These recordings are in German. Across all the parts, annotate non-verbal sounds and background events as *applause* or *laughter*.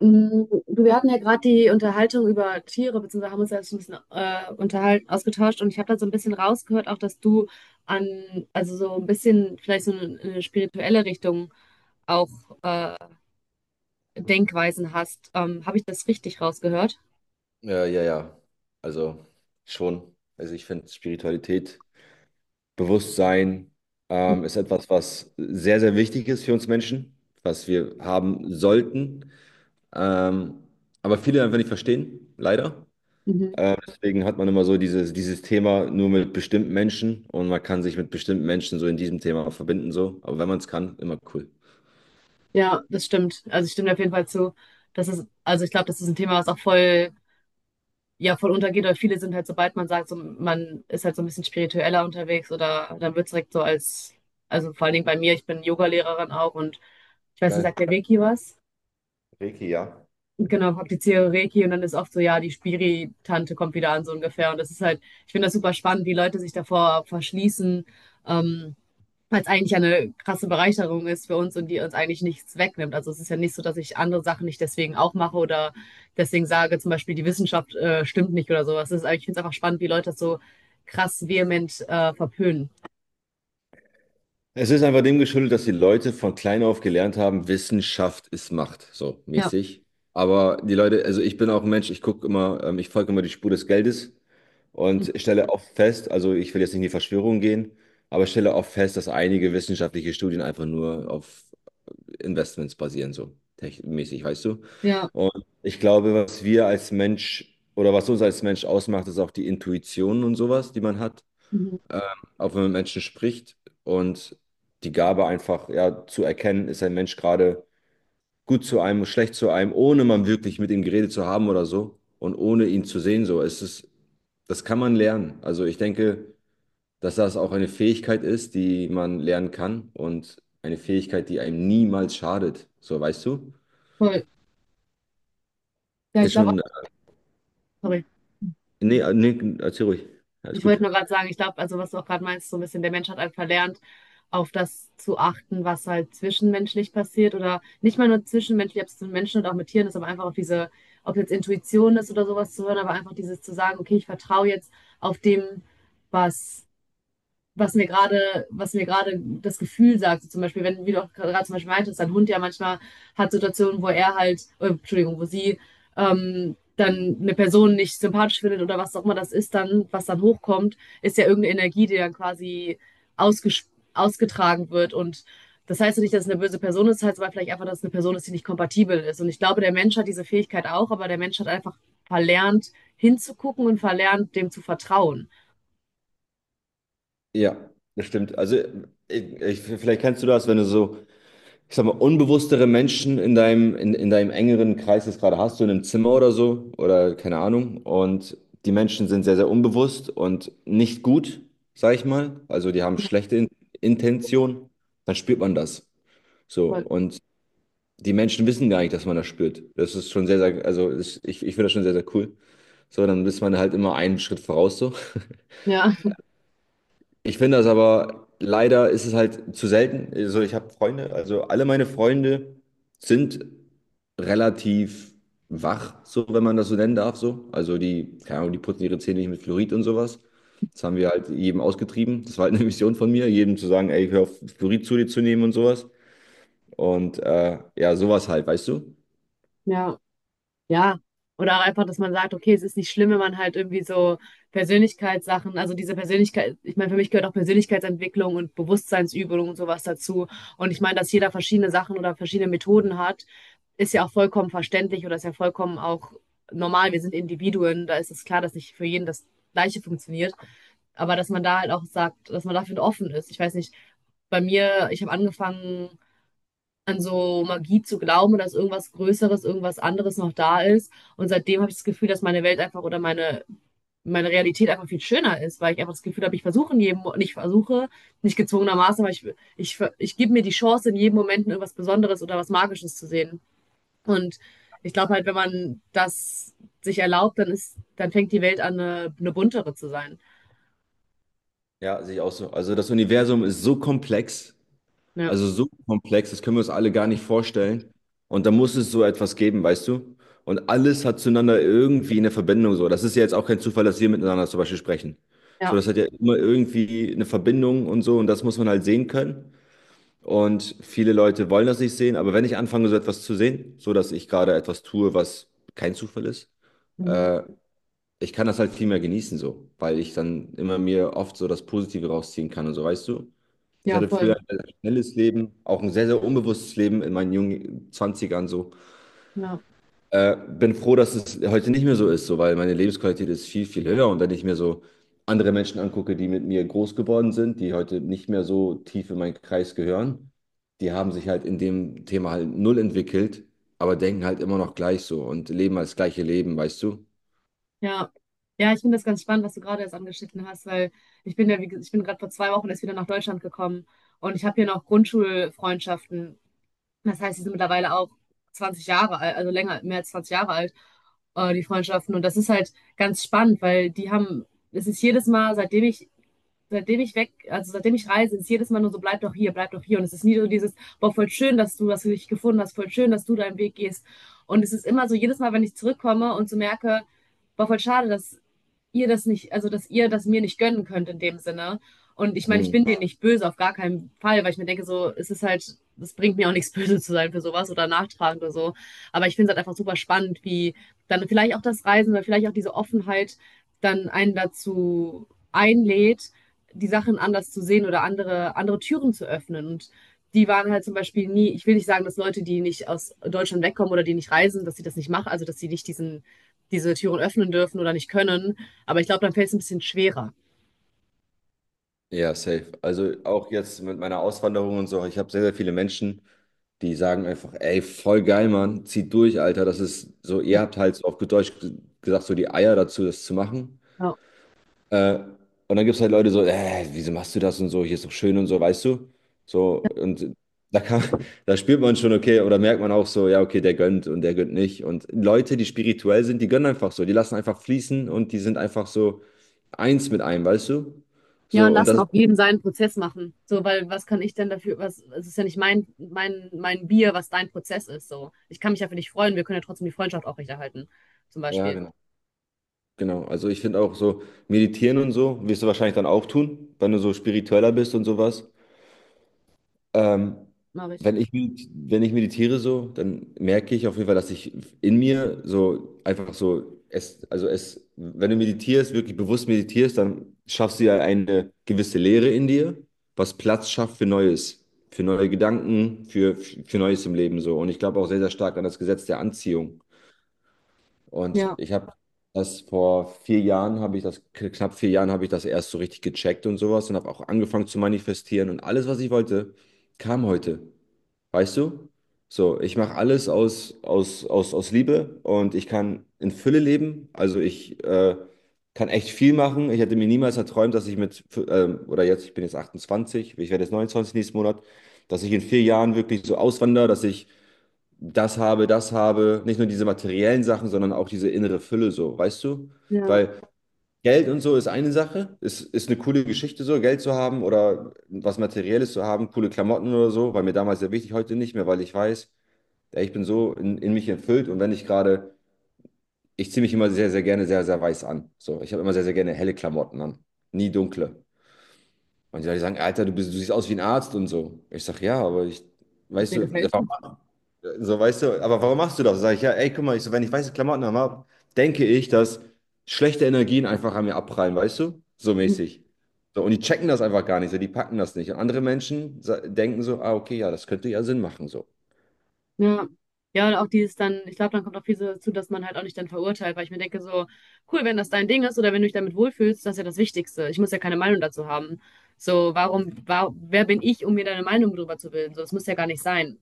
Du, wir hatten ja gerade die Unterhaltung über Tiere, beziehungsweise haben uns ja so ein bisschen unterhalten, ausgetauscht und ich habe da so ein bisschen rausgehört, auch dass du also so ein bisschen vielleicht so eine spirituelle Richtung auch äh, Denkweisen hast. Habe ich das richtig rausgehört? Ja, ja, ja. Also schon. Also ich finde Spiritualität, Bewusstsein ist etwas, was sehr, sehr wichtig ist für uns Menschen, was wir haben sollten. Ähm, aber viele einfach nicht verstehen, leider. Mhm. Deswegen hat man immer so dieses Thema nur mit bestimmten Menschen, und man kann sich mit bestimmten Menschen so in diesem Thema verbinden. So. Aber wenn man es kann, immer cool. Ja, das stimmt. Also ich stimme dir auf jeden Fall zu. Das ist, also ich glaube, das ist ein Thema, was auch voll ja voll untergeht, oder viele sind halt, sobald man sagt, so, man ist halt so ein bisschen spiritueller unterwegs oder dann wird es direkt so als, also vor allen Dingen bei mir, ich bin Yoga-Lehrerin auch und ich weiß nicht, Geil. sagt der Reiki was? Reiki, ja. Und genau, praktiziere Reiki und dann ist oft so, ja, die Spiri-Tante kommt wieder an, so ungefähr. Und das ist halt, ich finde das super spannend, wie Leute sich davor verschließen. Ähm, Weil es eigentlich ja eine krasse Bereicherung ist für uns und die uns eigentlich nichts wegnimmt. Also es ist ja nicht so, dass ich andere Sachen nicht deswegen auch mache oder deswegen sage, zum Beispiel die Wissenschaft stimmt nicht oder sowas. Das ist, ich finde es einfach spannend, wie Leute das so krass vehement verpönen. Es ist einfach dem geschuldet, dass die Leute von klein auf gelernt haben, Wissenschaft ist Macht, so Ja, mäßig. Aber die Leute, also ich bin auch ein Mensch, ich gucke immer, ich folge immer die Spur des Geldes. Und ich stelle oft fest, also ich will jetzt nicht in die Verschwörung gehen, aber ich stelle oft fest, dass einige wissenschaftliche Studien einfach nur auf Investments basieren, so mäßig, weißt du? ja, Und ich glaube, was wir als Mensch oder was uns als Mensch ausmacht, ist auch die Intuition und sowas, die man hat, mhm. auch wenn man mit Menschen spricht, und die Gabe, einfach ja, zu erkennen, ist ein Mensch gerade gut zu einem, schlecht zu einem, ohne man wirklich mit ihm geredet zu haben oder so und ohne ihn zu sehen. So, es ist, das kann man lernen. Also ich denke, dass das auch eine Fähigkeit ist, die man lernen kann, und eine Fähigkeit, die einem niemals schadet. So, weißt du? Voll. Ja, ich Ist glaube schon, auch, sorry. nee, nee, erzähl ruhig. Alles Ich wollte gut. nur gerade sagen, ich glaube, also was du auch gerade meinst, so ein bisschen, der Mensch hat halt verlernt, auf das zu achten, was halt zwischenmenschlich passiert oder nicht mal nur zwischenmenschlich, ob es mit Menschen und auch mit Tieren ist, aber einfach auf diese, ob jetzt Intuition ist oder sowas zu hören, aber einfach dieses zu sagen, okay, ich vertraue jetzt auf dem, was was mir gerade das Gefühl sagt. So zum Beispiel, wenn, wie du auch gerade zum Beispiel meintest, dein Hund ja manchmal hat Situationen, wo er halt, Entschuldigung, wo sie dann eine Person nicht sympathisch findet oder was auch immer das ist, dann, was dann hochkommt, ist ja irgendeine Energie, die dann quasi ausges ausgetragen wird. Und das heißt ja nicht, dass es eine böse Person ist, das heißt aber vielleicht einfach, dass es eine Person ist, die nicht kompatibel ist. Und ich glaube, der Mensch hat diese Fähigkeit auch, aber der Mensch hat einfach verlernt, hinzugucken und verlernt, dem zu vertrauen. Ja, das stimmt. Also vielleicht kennst du das, wenn du so, ich sag mal, unbewusstere Menschen in in deinem engeren Kreis das gerade hast, du in einem Zimmer oder so, oder keine Ahnung. Und die Menschen sind sehr, sehr unbewusst und nicht gut, sag ich mal. Also die haben schlechte In Intention, dann spürt man das. So. Voll. Und die Menschen wissen gar nicht, dass man das spürt. Das ist schon sehr, sehr, also ist, ich finde das schon sehr, sehr cool. So, dann ist man halt immer einen Schritt voraus so. *laughs* Ja, Ich finde das aber, leider ist es halt zu selten. Also ich habe Freunde, also alle meine Freunde sind relativ wach, so wenn man das so nennen darf, so. Also die, keine Ahnung, die putzen ihre Zähne nicht mit Fluorid und sowas. Das haben wir halt jedem ausgetrieben. Das war halt eine Mission von mir, jedem zu sagen, ey, hör auf, Fluorid zu dir zu nehmen und sowas. Und ja, sowas halt, weißt du? ja. Ja, oder auch einfach, dass man sagt, okay, es ist nicht schlimm, wenn man halt irgendwie so Persönlichkeitssachen, also diese Persönlichkeit, ich meine, für mich gehört auch Persönlichkeitsentwicklung und Bewusstseinsübung und sowas dazu. Und ich meine, dass jeder verschiedene Sachen oder verschiedene Methoden hat, ist ja auch vollkommen verständlich oder ist ja vollkommen auch normal. Wir sind Individuen, da ist es klar, dass nicht für jeden das Gleiche funktioniert. Aber dass man da halt auch sagt, dass man dafür offen ist. Ich weiß nicht, bei mir, ich habe angefangen, an so Magie zu glauben und dass irgendwas Größeres, irgendwas anderes noch da ist. Und seitdem habe ich das Gefühl, dass meine Welt einfach oder meine, meine Realität einfach viel schöner ist, weil ich einfach das Gefühl habe, ich versuche in jedem, nicht versuche, nicht gezwungenermaßen, aber ich gebe mir die Chance, in jedem Moment irgendwas Besonderes oder was Magisches zu sehen. Und ich glaube halt, wenn man das sich erlaubt, dann ist, dann fängt die Welt an, eine buntere zu sein. Ja, sehe ich auch so. Also das Universum ist so komplex. Ja, Also so komplex, das können wir uns alle gar nicht vorstellen. Und da muss es so etwas geben, weißt du? Und alles hat zueinander irgendwie eine Verbindung so. Das ist ja jetzt auch kein Zufall, dass wir miteinander zum Beispiel sprechen. So, ja, das hat ja immer irgendwie eine Verbindung und so. Und das muss man halt sehen können. Und viele Leute wollen das nicht sehen. Aber wenn ich anfange, so etwas zu sehen, so dass ich gerade etwas tue, was kein Zufall ist, mhm. äh, ich kann das halt viel mehr genießen so, weil ich dann immer mir oft so das Positive rausziehen kann und so, weißt du? Ich Ja, hatte früher voll. ein sehr, sehr schnelles Leben, auch ein sehr, sehr unbewusstes Leben in meinen jungen Zwanzigern. So. Ja. Bin froh, dass es heute nicht mehr so ist, so, weil meine Lebensqualität ist viel, viel höher. Und wenn ich mir so andere Menschen angucke, die mit mir groß geworden sind, die heute nicht mehr so tief in meinen Kreis gehören, die haben sich halt in dem Thema halt null entwickelt, aber denken halt immer noch gleich so und leben als gleiche Leben, weißt du? Ja, ja, ich finde das ganz spannend, was du gerade jetzt angeschnitten hast, weil ich bin ja, ich bin gerade vor 2 Wochen erst wieder nach Deutschland gekommen und ich habe hier noch Grundschulfreundschaften. Das heißt, die sind mittlerweile auch 20 Jahre alt, also länger, mehr als 20 Jahre alt, die Freundschaften. Und das ist halt ganz spannend, weil die haben, es ist jedes Mal, seitdem ich weg, also seitdem ich reise, ist jedes Mal nur so, bleib doch hier, bleib doch hier. Und es ist nie so dieses, boah, voll schön, dass du dich gefunden hast, voll schön, dass du deinen Weg gehst. Und es ist immer so, jedes Mal, wenn ich zurückkomme und so merke, war voll schade, dass ihr das nicht, also dass ihr das mir nicht gönnen könnt in dem Sinne. Und ich meine, ich Hm. bin denen nicht böse, auf gar keinen Fall, weil ich mir denke, so, es ist halt, es bringt mir auch nichts *laughs* böse zu sein für sowas oder nachtragend oder so. Aber ich finde es halt einfach super spannend, wie dann vielleicht auch das Reisen oder vielleicht auch diese Offenheit dann einen dazu einlädt, die Sachen anders zu sehen oder andere Türen zu öffnen. Und die waren halt zum Beispiel nie, ich will nicht sagen, dass Leute, die nicht aus Deutschland wegkommen oder die nicht reisen, dass sie das nicht machen, also dass sie nicht diese Türen öffnen dürfen oder nicht können. Aber ich glaube, dann fällt es ein bisschen schwerer. Ja, safe. Also auch jetzt mit meiner Auswanderung und so, ich habe sehr, sehr viele Menschen. Die sagen einfach, ey, voll geil, Mann, zieht durch, Alter. Das ist so, ihr habt halt so, auf gut Deutsch gesagt, so die Eier dazu, das zu machen. Ja. Äh, und dann gibt es halt Leute so, wieso machst du das und so, hier ist doch schön und so, weißt du? So, und da kann, *laughs* da spürt man schon, okay, oder merkt man auch so, ja, okay, der gönnt und der gönnt nicht. Und Leute, die spirituell sind, die gönnen einfach so, die lassen einfach fließen und die sind einfach so eins mit einem, weißt du? Ja, und So, und lassen das, auch jeden seinen Prozess machen. So, weil was kann ich denn dafür, was, es ist ja nicht mein Bier, was dein Prozess ist. So, ich kann mich ja für dich freuen, wir können ja trotzdem die Freundschaft aufrechterhalten. Zum ja, Beispiel. genau. Genau, also ich finde auch so meditieren und so, wirst du wahrscheinlich dann auch tun, wenn du so spiritueller bist und sowas. Ähm, Mache ich. Wenn ich, wenn ich meditiere so, dann merke ich auf jeden Fall, dass ich in mir so einfach so, es, also es, wenn du meditierst, wirklich bewusst meditierst, dann schaffst du ja eine gewisse Leere in dir, was Platz schafft für Neues, für neue Gedanken, für Neues im Leben so. Und ich glaube auch sehr, sehr stark an das Gesetz der Anziehung. Und Ja, ich habe das vor 4 Jahren, habe ich das, knapp 4 Jahren habe ich das erst so richtig gecheckt und sowas, und habe auch angefangen zu manifestieren, und alles, was ich wollte, kam heute. Weißt du? So, ich mache alles aus Liebe, und ich kann in Fülle leben. Also ich kann echt viel machen. Ich hätte mir niemals erträumt, dass ich mit, oder jetzt, ich bin jetzt 28, ich werde jetzt 29 nächsten Monat, dass ich in 4 Jahren wirklich so auswandere, dass ich das habe, nicht nur diese materiellen Sachen, sondern auch diese innere Fülle so, weißt du? ja. Weil Geld und so ist eine Sache, ist eine coole Geschichte so, Geld zu haben oder was Materielles zu haben, coole Klamotten oder so, war mir damals sehr wichtig, heute nicht mehr, weil ich weiß, ey, ich bin so in mich erfüllt, und wenn ich gerade, ich ziehe mich immer sehr, sehr gerne sehr, sehr weiß an. So, ich habe immer sehr, sehr gerne helle Klamotten an, nie dunkle. Und die Leute sagen, Alter, du bist, du siehst aus wie ein Arzt und so. Ich sage, ja, aber ich, Was weißt mir du. gefällt. So, weißt du, aber warum machst du das? Sag ich, ja, ey, guck mal, ich so, wenn ich weiße Klamotten habe, denke ich, dass schlechte Energien einfach an mir abprallen, weißt du? So Mhm. mäßig. So, und die checken das einfach gar nicht, so, die packen das nicht. Und andere Menschen denken so, ah, okay, ja, das könnte ja Sinn machen, so. Ja. Ja, und auch dieses dann, ich glaube, dann kommt auch viel so dazu, dass man halt auch nicht dann verurteilt, weil ich mir denke, so, cool, wenn das dein Ding ist oder wenn du dich damit wohlfühlst, das ist ja das Wichtigste. Ich muss ja keine Meinung dazu haben. So, warum, wa wer bin ich, um mir deine Meinung darüber zu bilden? So, das muss ja gar nicht sein.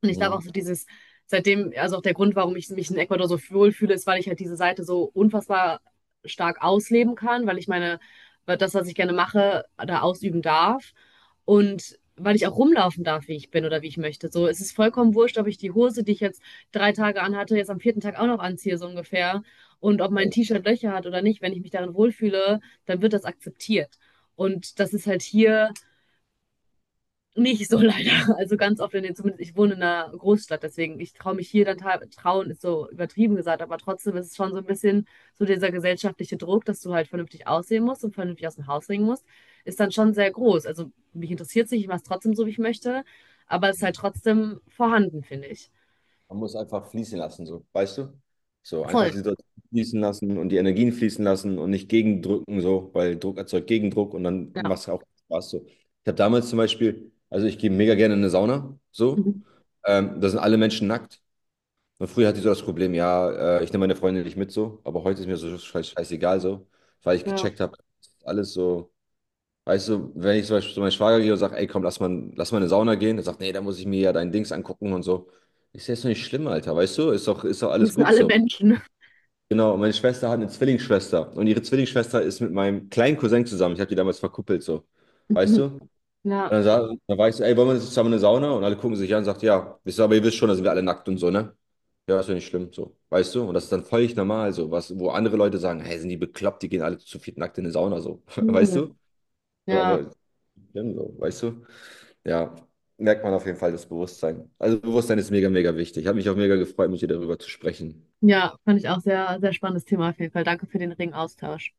Und ich glaube auch Mhm. so dieses, seitdem, also auch der Grund, warum ich mich in Ecuador so wohlfühle, ist, weil ich halt diese Seite so unfassbar stark ausleben kann, weil ich meine, weil das, was ich gerne mache, da ausüben darf. Und weil ich auch rumlaufen darf, wie ich bin oder wie ich möchte. So, es ist vollkommen wurscht, ob ich die Hose, die ich jetzt 3 Tage anhatte, jetzt am vierten Tag auch noch anziehe, so ungefähr. Und ob Ja, mein T-Shirt Löcher hat oder nicht, wenn ich mich darin wohlfühle, dann wird das akzeptiert. Und das ist halt hier nicht so *laughs* leider. Also ganz oft in den, zumindest ich wohne in einer Großstadt, deswegen ich traue mich hier dann trauen, ist so übertrieben gesagt, aber trotzdem ist es schon so ein bisschen so dieser gesellschaftliche Druck, dass du halt vernünftig aussehen musst und vernünftig aus dem Haus bringen musst, ist dann schon sehr groß. Also mich interessiert es nicht, ich mache es trotzdem so, wie ich möchte, aber es ist halt ja. trotzdem vorhanden, finde ich. Man muss einfach fließen lassen, so, weißt du? So, einfach Voll. die Situation fließen lassen und die Energien fließen lassen und nicht gegendrücken, so, weil Druck erzeugt Gegendruck, und dann Ja. macht es auch Spaß, so. Ich habe damals zum Beispiel, also ich gehe mega gerne in eine Sauna, so, Mhm. Da sind alle Menschen nackt. Und früher hatte ich so das Problem, ja, ich nehme meine Freundin nicht mit, so, aber heute ist mir so scheißegal, so, weil ich Ja. gecheckt habe, alles so. Weißt du, wenn ich zum Beispiel zu meinem Schwager gehe und sage, ey, komm, lass mal in eine Sauna gehen, er sagt, nee, da muss ich mir ja dein Dings angucken und so. Ich sehe, ist doch nicht schlimm, Alter, weißt du? Ist doch Wir alles sind gut alle so. Menschen. *laughs* Genau, und meine Schwester hat eine Zwillingsschwester, und ihre Zwillingsschwester ist mit meinem kleinen Cousin zusammen. Ich habe die damals verkuppelt, so. Weißt du? Mhm. Und Ja. dann, dann war ich so, ey, wollen wir jetzt zusammen in eine Sauna? Und alle gucken sich an und sagt, ja, wisst ihr, aber ihr wisst schon, da sind wir alle nackt und so, ne? Ja, ist ja nicht schlimm, so. Weißt du? Und das ist dann völlig normal, so. Was, wo andere Leute sagen, hey, sind die bekloppt, die gehen alle zu viert nackt in eine Sauna, so. *laughs* Weißt Nö. du? So, Ja. aber schlimm, so, weißt du? Ja, merkt man auf jeden Fall das Bewusstsein. Also Bewusstsein ist mega, mega wichtig. Hat mich auch mega gefreut, mit dir darüber zu sprechen. Ja, fand ich auch sehr, sehr spannendes Thema auf jeden Fall. Danke für den regen Austausch.